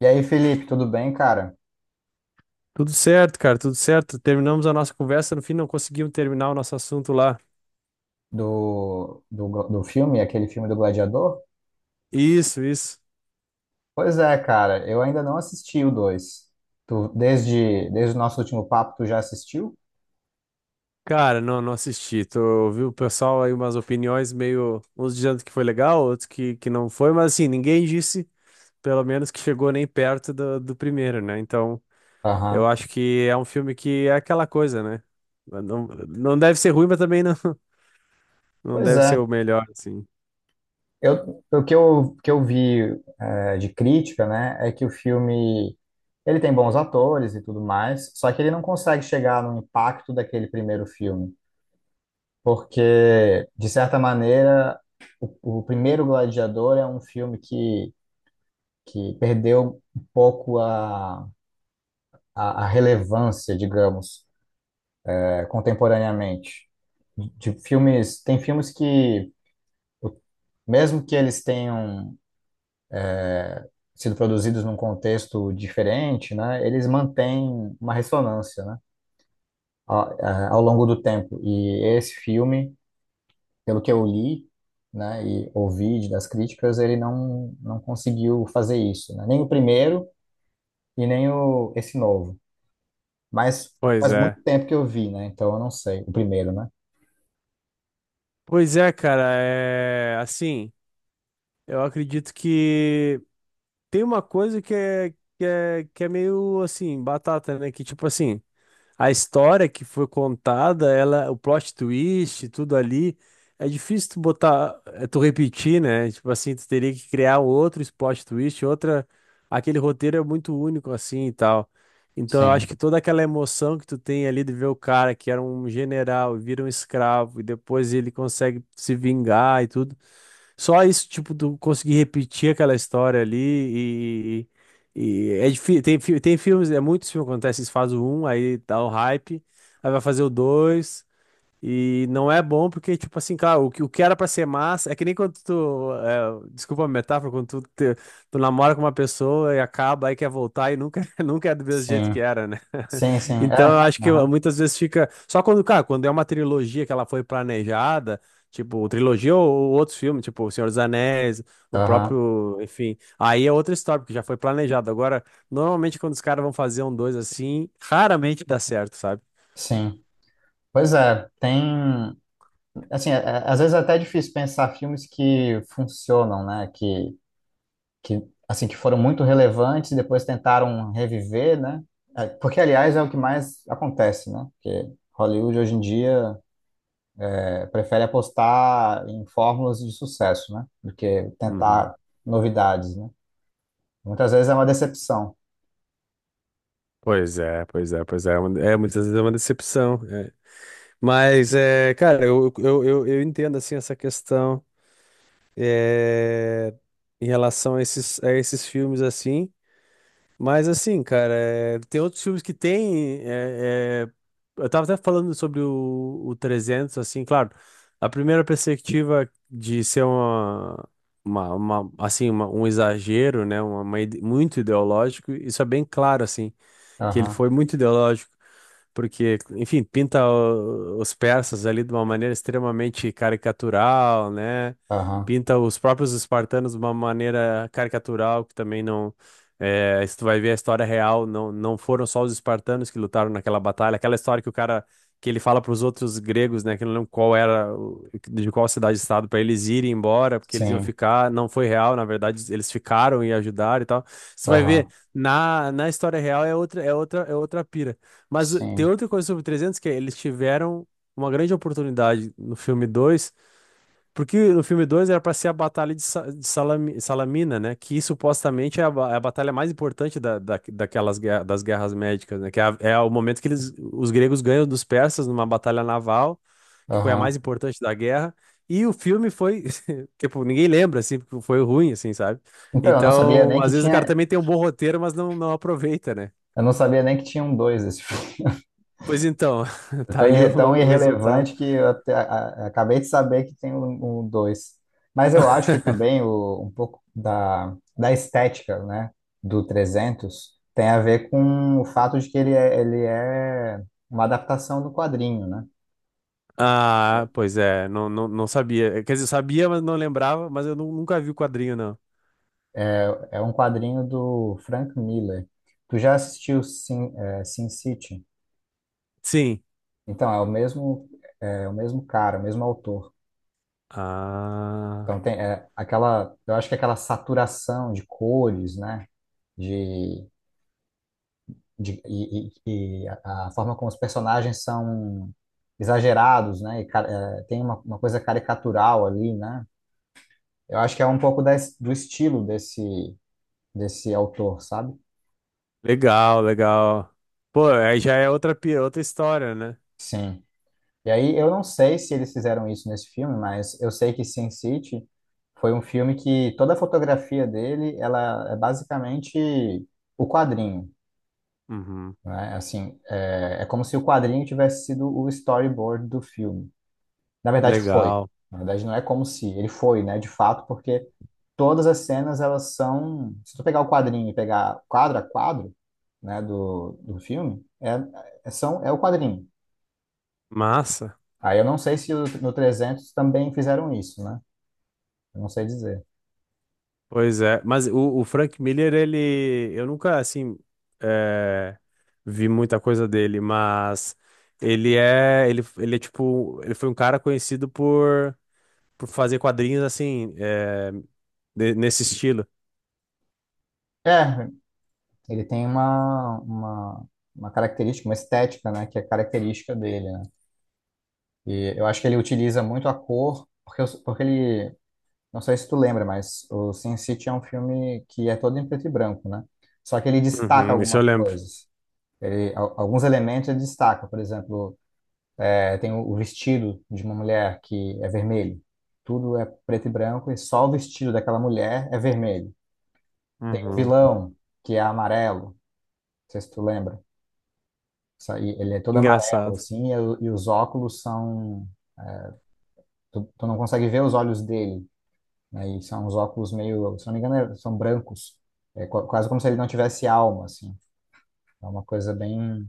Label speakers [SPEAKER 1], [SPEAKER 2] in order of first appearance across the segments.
[SPEAKER 1] E aí, Felipe, tudo bem, cara?
[SPEAKER 2] Tudo certo, cara, tudo certo. Terminamos a nossa conversa, no fim não conseguimos terminar o nosso assunto lá.
[SPEAKER 1] Do filme, aquele filme do Gladiador?
[SPEAKER 2] Isso, isso.
[SPEAKER 1] Pois é, cara, eu ainda não assisti o dois. Tu, desde o nosso último papo, tu já assistiu?
[SPEAKER 2] Cara, não, não assisti. Tô, ouvi o pessoal aí umas opiniões meio, uns dizendo que foi legal, outros que não foi, mas assim, ninguém disse, pelo menos, que chegou nem perto do primeiro, né? Então, eu
[SPEAKER 1] Aham.
[SPEAKER 2] acho que é um filme que é aquela coisa, né? Não, não deve ser ruim, mas também não, não
[SPEAKER 1] Pois
[SPEAKER 2] deve ser
[SPEAKER 1] é.
[SPEAKER 2] o melhor, assim.
[SPEAKER 1] O que eu vi, de crítica, né, é que o filme, ele tem bons atores e tudo mais, só que ele não consegue chegar no impacto daquele primeiro filme, porque, de certa maneira, o primeiro Gladiador é um filme que perdeu um pouco a relevância, digamos, contemporaneamente. De filmes, tem filmes que, mesmo que eles tenham sido produzidos num contexto diferente, né, eles mantêm uma ressonância, né, ao, ao longo do tempo. E esse filme, pelo que eu li, né, e ouvi das críticas, ele não conseguiu fazer isso, né? Nem o primeiro e nem o, esse novo. Mas
[SPEAKER 2] Pois
[SPEAKER 1] faz
[SPEAKER 2] é.
[SPEAKER 1] muito tempo que eu vi, né? Então eu não sei. O primeiro, né?
[SPEAKER 2] Pois é, cara, é assim, eu acredito que tem uma coisa que é, que é meio assim, batata, né? Que tipo assim, a história que foi contada, ela, o plot twist, tudo ali, é difícil tu botar, é, tu repetir, né? Tipo assim, tu teria que criar outro plot twist, outra. Aquele roteiro é muito único assim e tal. Então eu acho
[SPEAKER 1] Sim,
[SPEAKER 2] que toda aquela emoção que tu tem ali de ver o cara que era um general, e vira um escravo, e depois ele consegue se vingar e tudo. Só isso, tipo, tu conseguir repetir aquela história ali e. e é difícil. Tem, tem filmes, é muitos filmes que acontece, eles fazem o um, aí dá o hype, aí vai fazer o dois. E não é bom porque, tipo assim, cara, o que era pra ser massa. É que nem quando tu. É, desculpa a metáfora, quando tu, tu namora com uma pessoa e acaba, aí quer voltar e nunca, nunca é do mesmo jeito que
[SPEAKER 1] sim,
[SPEAKER 2] era, né?
[SPEAKER 1] sim, sim.
[SPEAKER 2] Então eu
[SPEAKER 1] É,
[SPEAKER 2] acho que
[SPEAKER 1] aham,
[SPEAKER 2] muitas vezes fica. Só quando, cara, quando é uma trilogia que ela foi planejada, tipo, trilogia ou outros filmes, tipo, O Senhor dos Anéis, o
[SPEAKER 1] aham,
[SPEAKER 2] próprio. Enfim. Aí é outra história, porque já foi planejado. Agora, normalmente quando os caras vão fazer um dois assim, raramente dá certo, sabe?
[SPEAKER 1] sim. Pois é, tem. Assim, às vezes é até difícil pensar filmes que funcionam, né? Que, assim, que foram muito relevantes e depois tentaram reviver, né? É, porque, aliás, é o que mais acontece, né? Porque Hollywood hoje em dia, prefere apostar em fórmulas de sucesso, né? Do que
[SPEAKER 2] Uhum.
[SPEAKER 1] tentar novidades, né? Muitas vezes é uma decepção.
[SPEAKER 2] Pois é, pois é, pois é. É uma- é, muitas vezes é uma decepção. É. Mas, é, cara, eu entendo, assim, essa questão é, em relação a esses filmes, assim. Mas, assim, cara, é, tem outros filmes que tem... é, é, eu tava até falando sobre o 300, assim, claro. A primeira perspectiva de ser uma... uma- assim, uma- um exagero, né? Uma muito ideológico, isso é bem claro, assim que ele
[SPEAKER 1] Aham,
[SPEAKER 2] foi muito ideológico, porque, enfim, pinta os persas ali de uma maneira extremamente caricatural, né?
[SPEAKER 1] aham,
[SPEAKER 2] Pinta os próprios espartanos de uma maneira caricatural, que também não. É, se tu vai ver a história real, não, não foram só os espartanos que lutaram naquela batalha, aquela história que o cara. Que ele fala para os outros gregos, né, que eu não lembro qual era, de qual cidade-estado, para eles irem embora, porque eles iam
[SPEAKER 1] sim,
[SPEAKER 2] ficar, não foi real, na verdade, eles ficaram e ajudaram e tal. Você vai ver,
[SPEAKER 1] aham,
[SPEAKER 2] na história real é outra, é outra, é outra pira. Mas tem
[SPEAKER 1] sim,
[SPEAKER 2] outra coisa sobre 300 que é, eles tiveram uma grande oportunidade no filme 2 porque no filme 2 era pra ser a batalha de, de Salamina, né? Que supostamente é a, é a batalha mais importante daquelas das guerras médicas, né? Que é, é o momento que eles, os gregos ganham dos persas numa batalha naval, que foi a mais
[SPEAKER 1] aham.
[SPEAKER 2] importante da guerra. E o filme foi, tipo, ninguém lembra, assim, porque foi ruim, assim, sabe?
[SPEAKER 1] Então, eu não sabia
[SPEAKER 2] Então,
[SPEAKER 1] nem
[SPEAKER 2] às vezes o cara também tem um bom roteiro, mas não, não aproveita, né?
[SPEAKER 1] eu não sabia nem que tinha um dois esse filme.
[SPEAKER 2] Pois então,
[SPEAKER 1] É
[SPEAKER 2] tá
[SPEAKER 1] tão,
[SPEAKER 2] aí o
[SPEAKER 1] tão
[SPEAKER 2] resultado.
[SPEAKER 1] irrelevante que eu acabei de saber que tem um dois. Mas eu acho que também um pouco da estética, né, do 300 tem a ver com o fato de que ele é uma adaptação do quadrinho, né?
[SPEAKER 2] Ah, pois é, não, não, não sabia. Quer dizer, sabia, mas não lembrava, mas eu nunca vi o quadrinho, não.
[SPEAKER 1] É um quadrinho do Frank Miller. Tu já assistiu Sin, Sin City?
[SPEAKER 2] Sim.
[SPEAKER 1] Então, é o mesmo cara, o mesmo autor.
[SPEAKER 2] Ah,
[SPEAKER 1] Então, tem aquela, eu acho que aquela saturação de cores, né? De, e a forma como os personagens são exagerados, né? E, tem uma coisa caricatural ali, né? Eu acho que é um pouco da, do estilo desse autor, sabe?
[SPEAKER 2] legal, legal. Pô, aí já é outra, outra história, né?
[SPEAKER 1] Sim. E aí, eu não sei se eles fizeram isso nesse filme, mas eu sei que Sin City foi um filme que toda a fotografia dele, ela é basicamente o quadrinho,
[SPEAKER 2] Uhum.
[SPEAKER 1] né? Assim, é como se o quadrinho tivesse sido o storyboard do filme. Na verdade, foi.
[SPEAKER 2] Legal.
[SPEAKER 1] Na verdade, não é como se, ele foi, né? De fato, porque todas as cenas, elas são... Se tu pegar o quadrinho e pegar quadro a quadro, né, do filme, é o quadrinho.
[SPEAKER 2] Massa.
[SPEAKER 1] Aí eu não sei se no 300 também fizeram isso, né? Eu não sei dizer.
[SPEAKER 2] Pois é. Mas o Frank Miller, ele. Eu nunca, assim. É, vi muita coisa dele, mas. Ele é. Ele é tipo. Ele foi um cara conhecido por fazer quadrinhos, assim. É, nesse estilo.
[SPEAKER 1] É, ele tem uma característica, uma estética, né? Que é característica dele, né? E eu acho que ele utiliza muito a cor, porque, porque ele... Não sei se tu lembra, mas o Sin City é um filme que é todo em preto e branco, né? Só que ele destaca
[SPEAKER 2] Uhum, isso eu
[SPEAKER 1] algumas
[SPEAKER 2] lembro.
[SPEAKER 1] coisas. Ele, alguns elementos ele destaca. Por exemplo, tem o vestido de uma mulher que é vermelho. Tudo é preto e branco e só o vestido daquela mulher é vermelho. Tem o
[SPEAKER 2] Uhum.
[SPEAKER 1] vilão, que é amarelo, não sei se tu lembra. Isso aí, ele é todo amarelo,
[SPEAKER 2] Engraçado.
[SPEAKER 1] assim, e os óculos são. Tu, não consegue ver os olhos dele, né? E são uns óculos meio. Se não me engano, são brancos. É quase como se ele não tivesse alma, assim. É uma coisa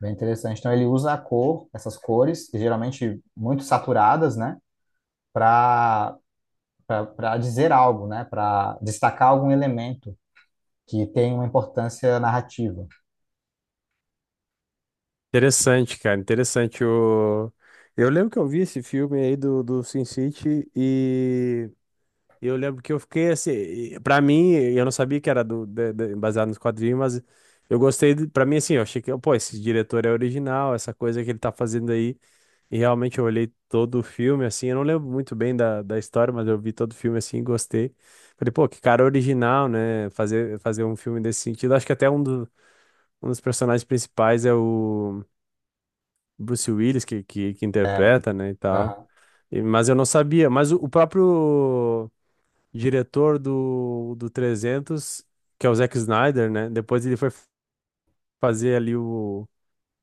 [SPEAKER 1] bem interessante. Então, ele usa a cor, essas cores, que geralmente muito saturadas, né? Para Para dizer algo, né? Para destacar algum elemento que tem uma importância narrativa.
[SPEAKER 2] Interessante, cara. Interessante o. Eu lembro que eu vi esse filme aí do Sin City e eu lembro que eu fiquei assim. E pra mim, eu não sabia que era do, baseado nos quadrinhos, mas eu gostei. Pra mim, assim, eu achei que, pô, esse diretor é original, essa coisa que ele tá fazendo aí. E realmente eu olhei todo o filme, assim. Eu não lembro muito bem da história, mas eu vi todo o filme assim e gostei. Falei, pô, que cara original, né? Fazer um filme desse sentido. Acho que até um dos personagens principais é o Bruce Willis, que
[SPEAKER 1] É.
[SPEAKER 2] interpreta, né, e tal.
[SPEAKER 1] Aham,
[SPEAKER 2] E- mas eu não sabia. Mas o próprio diretor do 300, que é o Zack Snyder, né, depois ele foi fazer ali o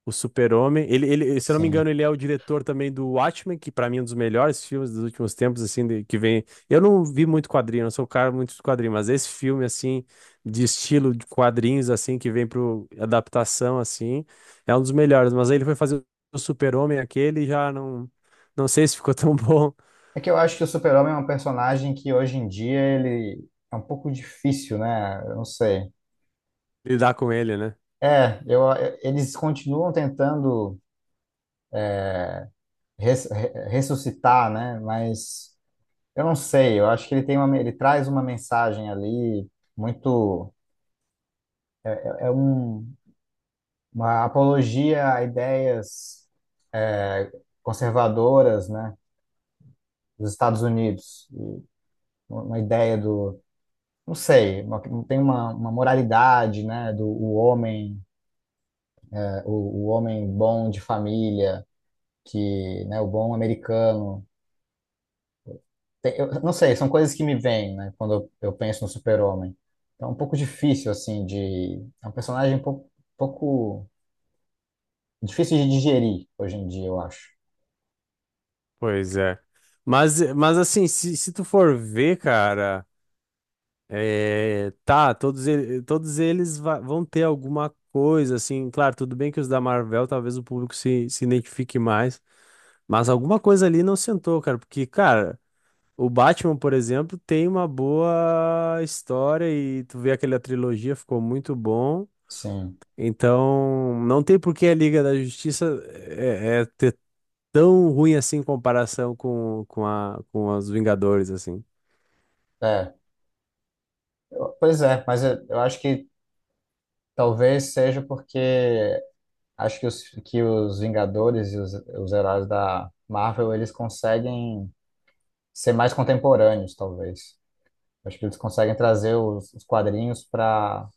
[SPEAKER 2] Super-Homem, ele, se eu não me engano,
[SPEAKER 1] sim.
[SPEAKER 2] ele é o diretor também do Watchmen, que pra mim é um dos melhores filmes dos últimos tempos, assim, que vem. Eu não vi muito quadrinho, não sou um cara muito de quadrinho, mas esse filme, assim, de estilo de quadrinhos, assim, que vem pro adaptação, assim, é um dos melhores. Mas aí ele foi fazer o Super-Homem aquele e já não, não sei se ficou tão bom
[SPEAKER 1] É que eu acho que o Super-Homem é um personagem que hoje em dia ele é um pouco difícil, né? Eu não sei.
[SPEAKER 2] lidar com ele, né?
[SPEAKER 1] É, eles continuam tentando ressuscitar, né? Mas eu não sei. Eu acho que ele traz uma mensagem ali muito, é um, uma apologia a ideias, é, conservadoras, né? Dos Estados Unidos, e uma ideia do, não sei, tem uma moralidade, né? Do o homem o homem bom de família, que, né, o bom americano. Eu não sei, são coisas que me vêm, né, quando eu penso no super-homem. Então, é um pouco difícil, assim, de... É um personagem pouco difícil de digerir hoje em dia, eu acho.
[SPEAKER 2] Pois é. Mas assim, se tu for ver, cara. É, tá, todos, todos eles vão ter alguma coisa, assim, claro, tudo bem que os da Marvel talvez o público se identifique mais, mas alguma coisa ali não sentou, cara, porque, cara, o Batman, por exemplo, tem uma boa história e tu vê aquela trilogia, ficou muito bom,
[SPEAKER 1] Sim,
[SPEAKER 2] então não tem por que a Liga da Justiça é ter tão ruim assim em comparação com os Vingadores, assim.
[SPEAKER 1] é. Pois é, mas eu acho que talvez seja porque acho que os Vingadores e os heróis da Marvel, eles conseguem ser mais contemporâneos, talvez. Acho que eles conseguem trazer os quadrinhos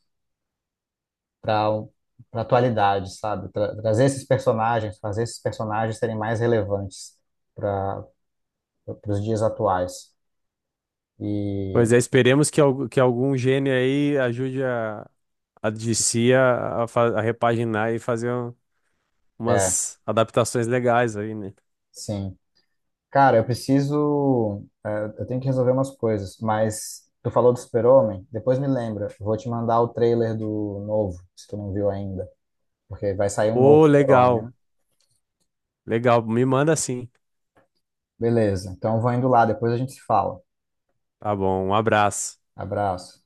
[SPEAKER 1] para para atualidade, sabe? Trazer esses personagens, fazer esses personagens serem mais relevantes para os dias atuais. E
[SPEAKER 2] Pois é, esperemos que, que algum gênio aí ajude a DC a, a repaginar e fazer
[SPEAKER 1] é,
[SPEAKER 2] umas adaptações legais aí, né?
[SPEAKER 1] sim. Cara, eu preciso, eu tenho que resolver umas coisas, mas tu falou do Super-Homem, depois me lembra, eu vou te mandar o trailer do novo, se tu não viu ainda, porque vai sair um novo
[SPEAKER 2] Ô,
[SPEAKER 1] Super-Homem, né?
[SPEAKER 2] legal, legal. Me manda sim.
[SPEAKER 1] Beleza. Então eu vou indo lá, depois a gente se fala.
[SPEAKER 2] Tá bom, um abraço.
[SPEAKER 1] Abraço.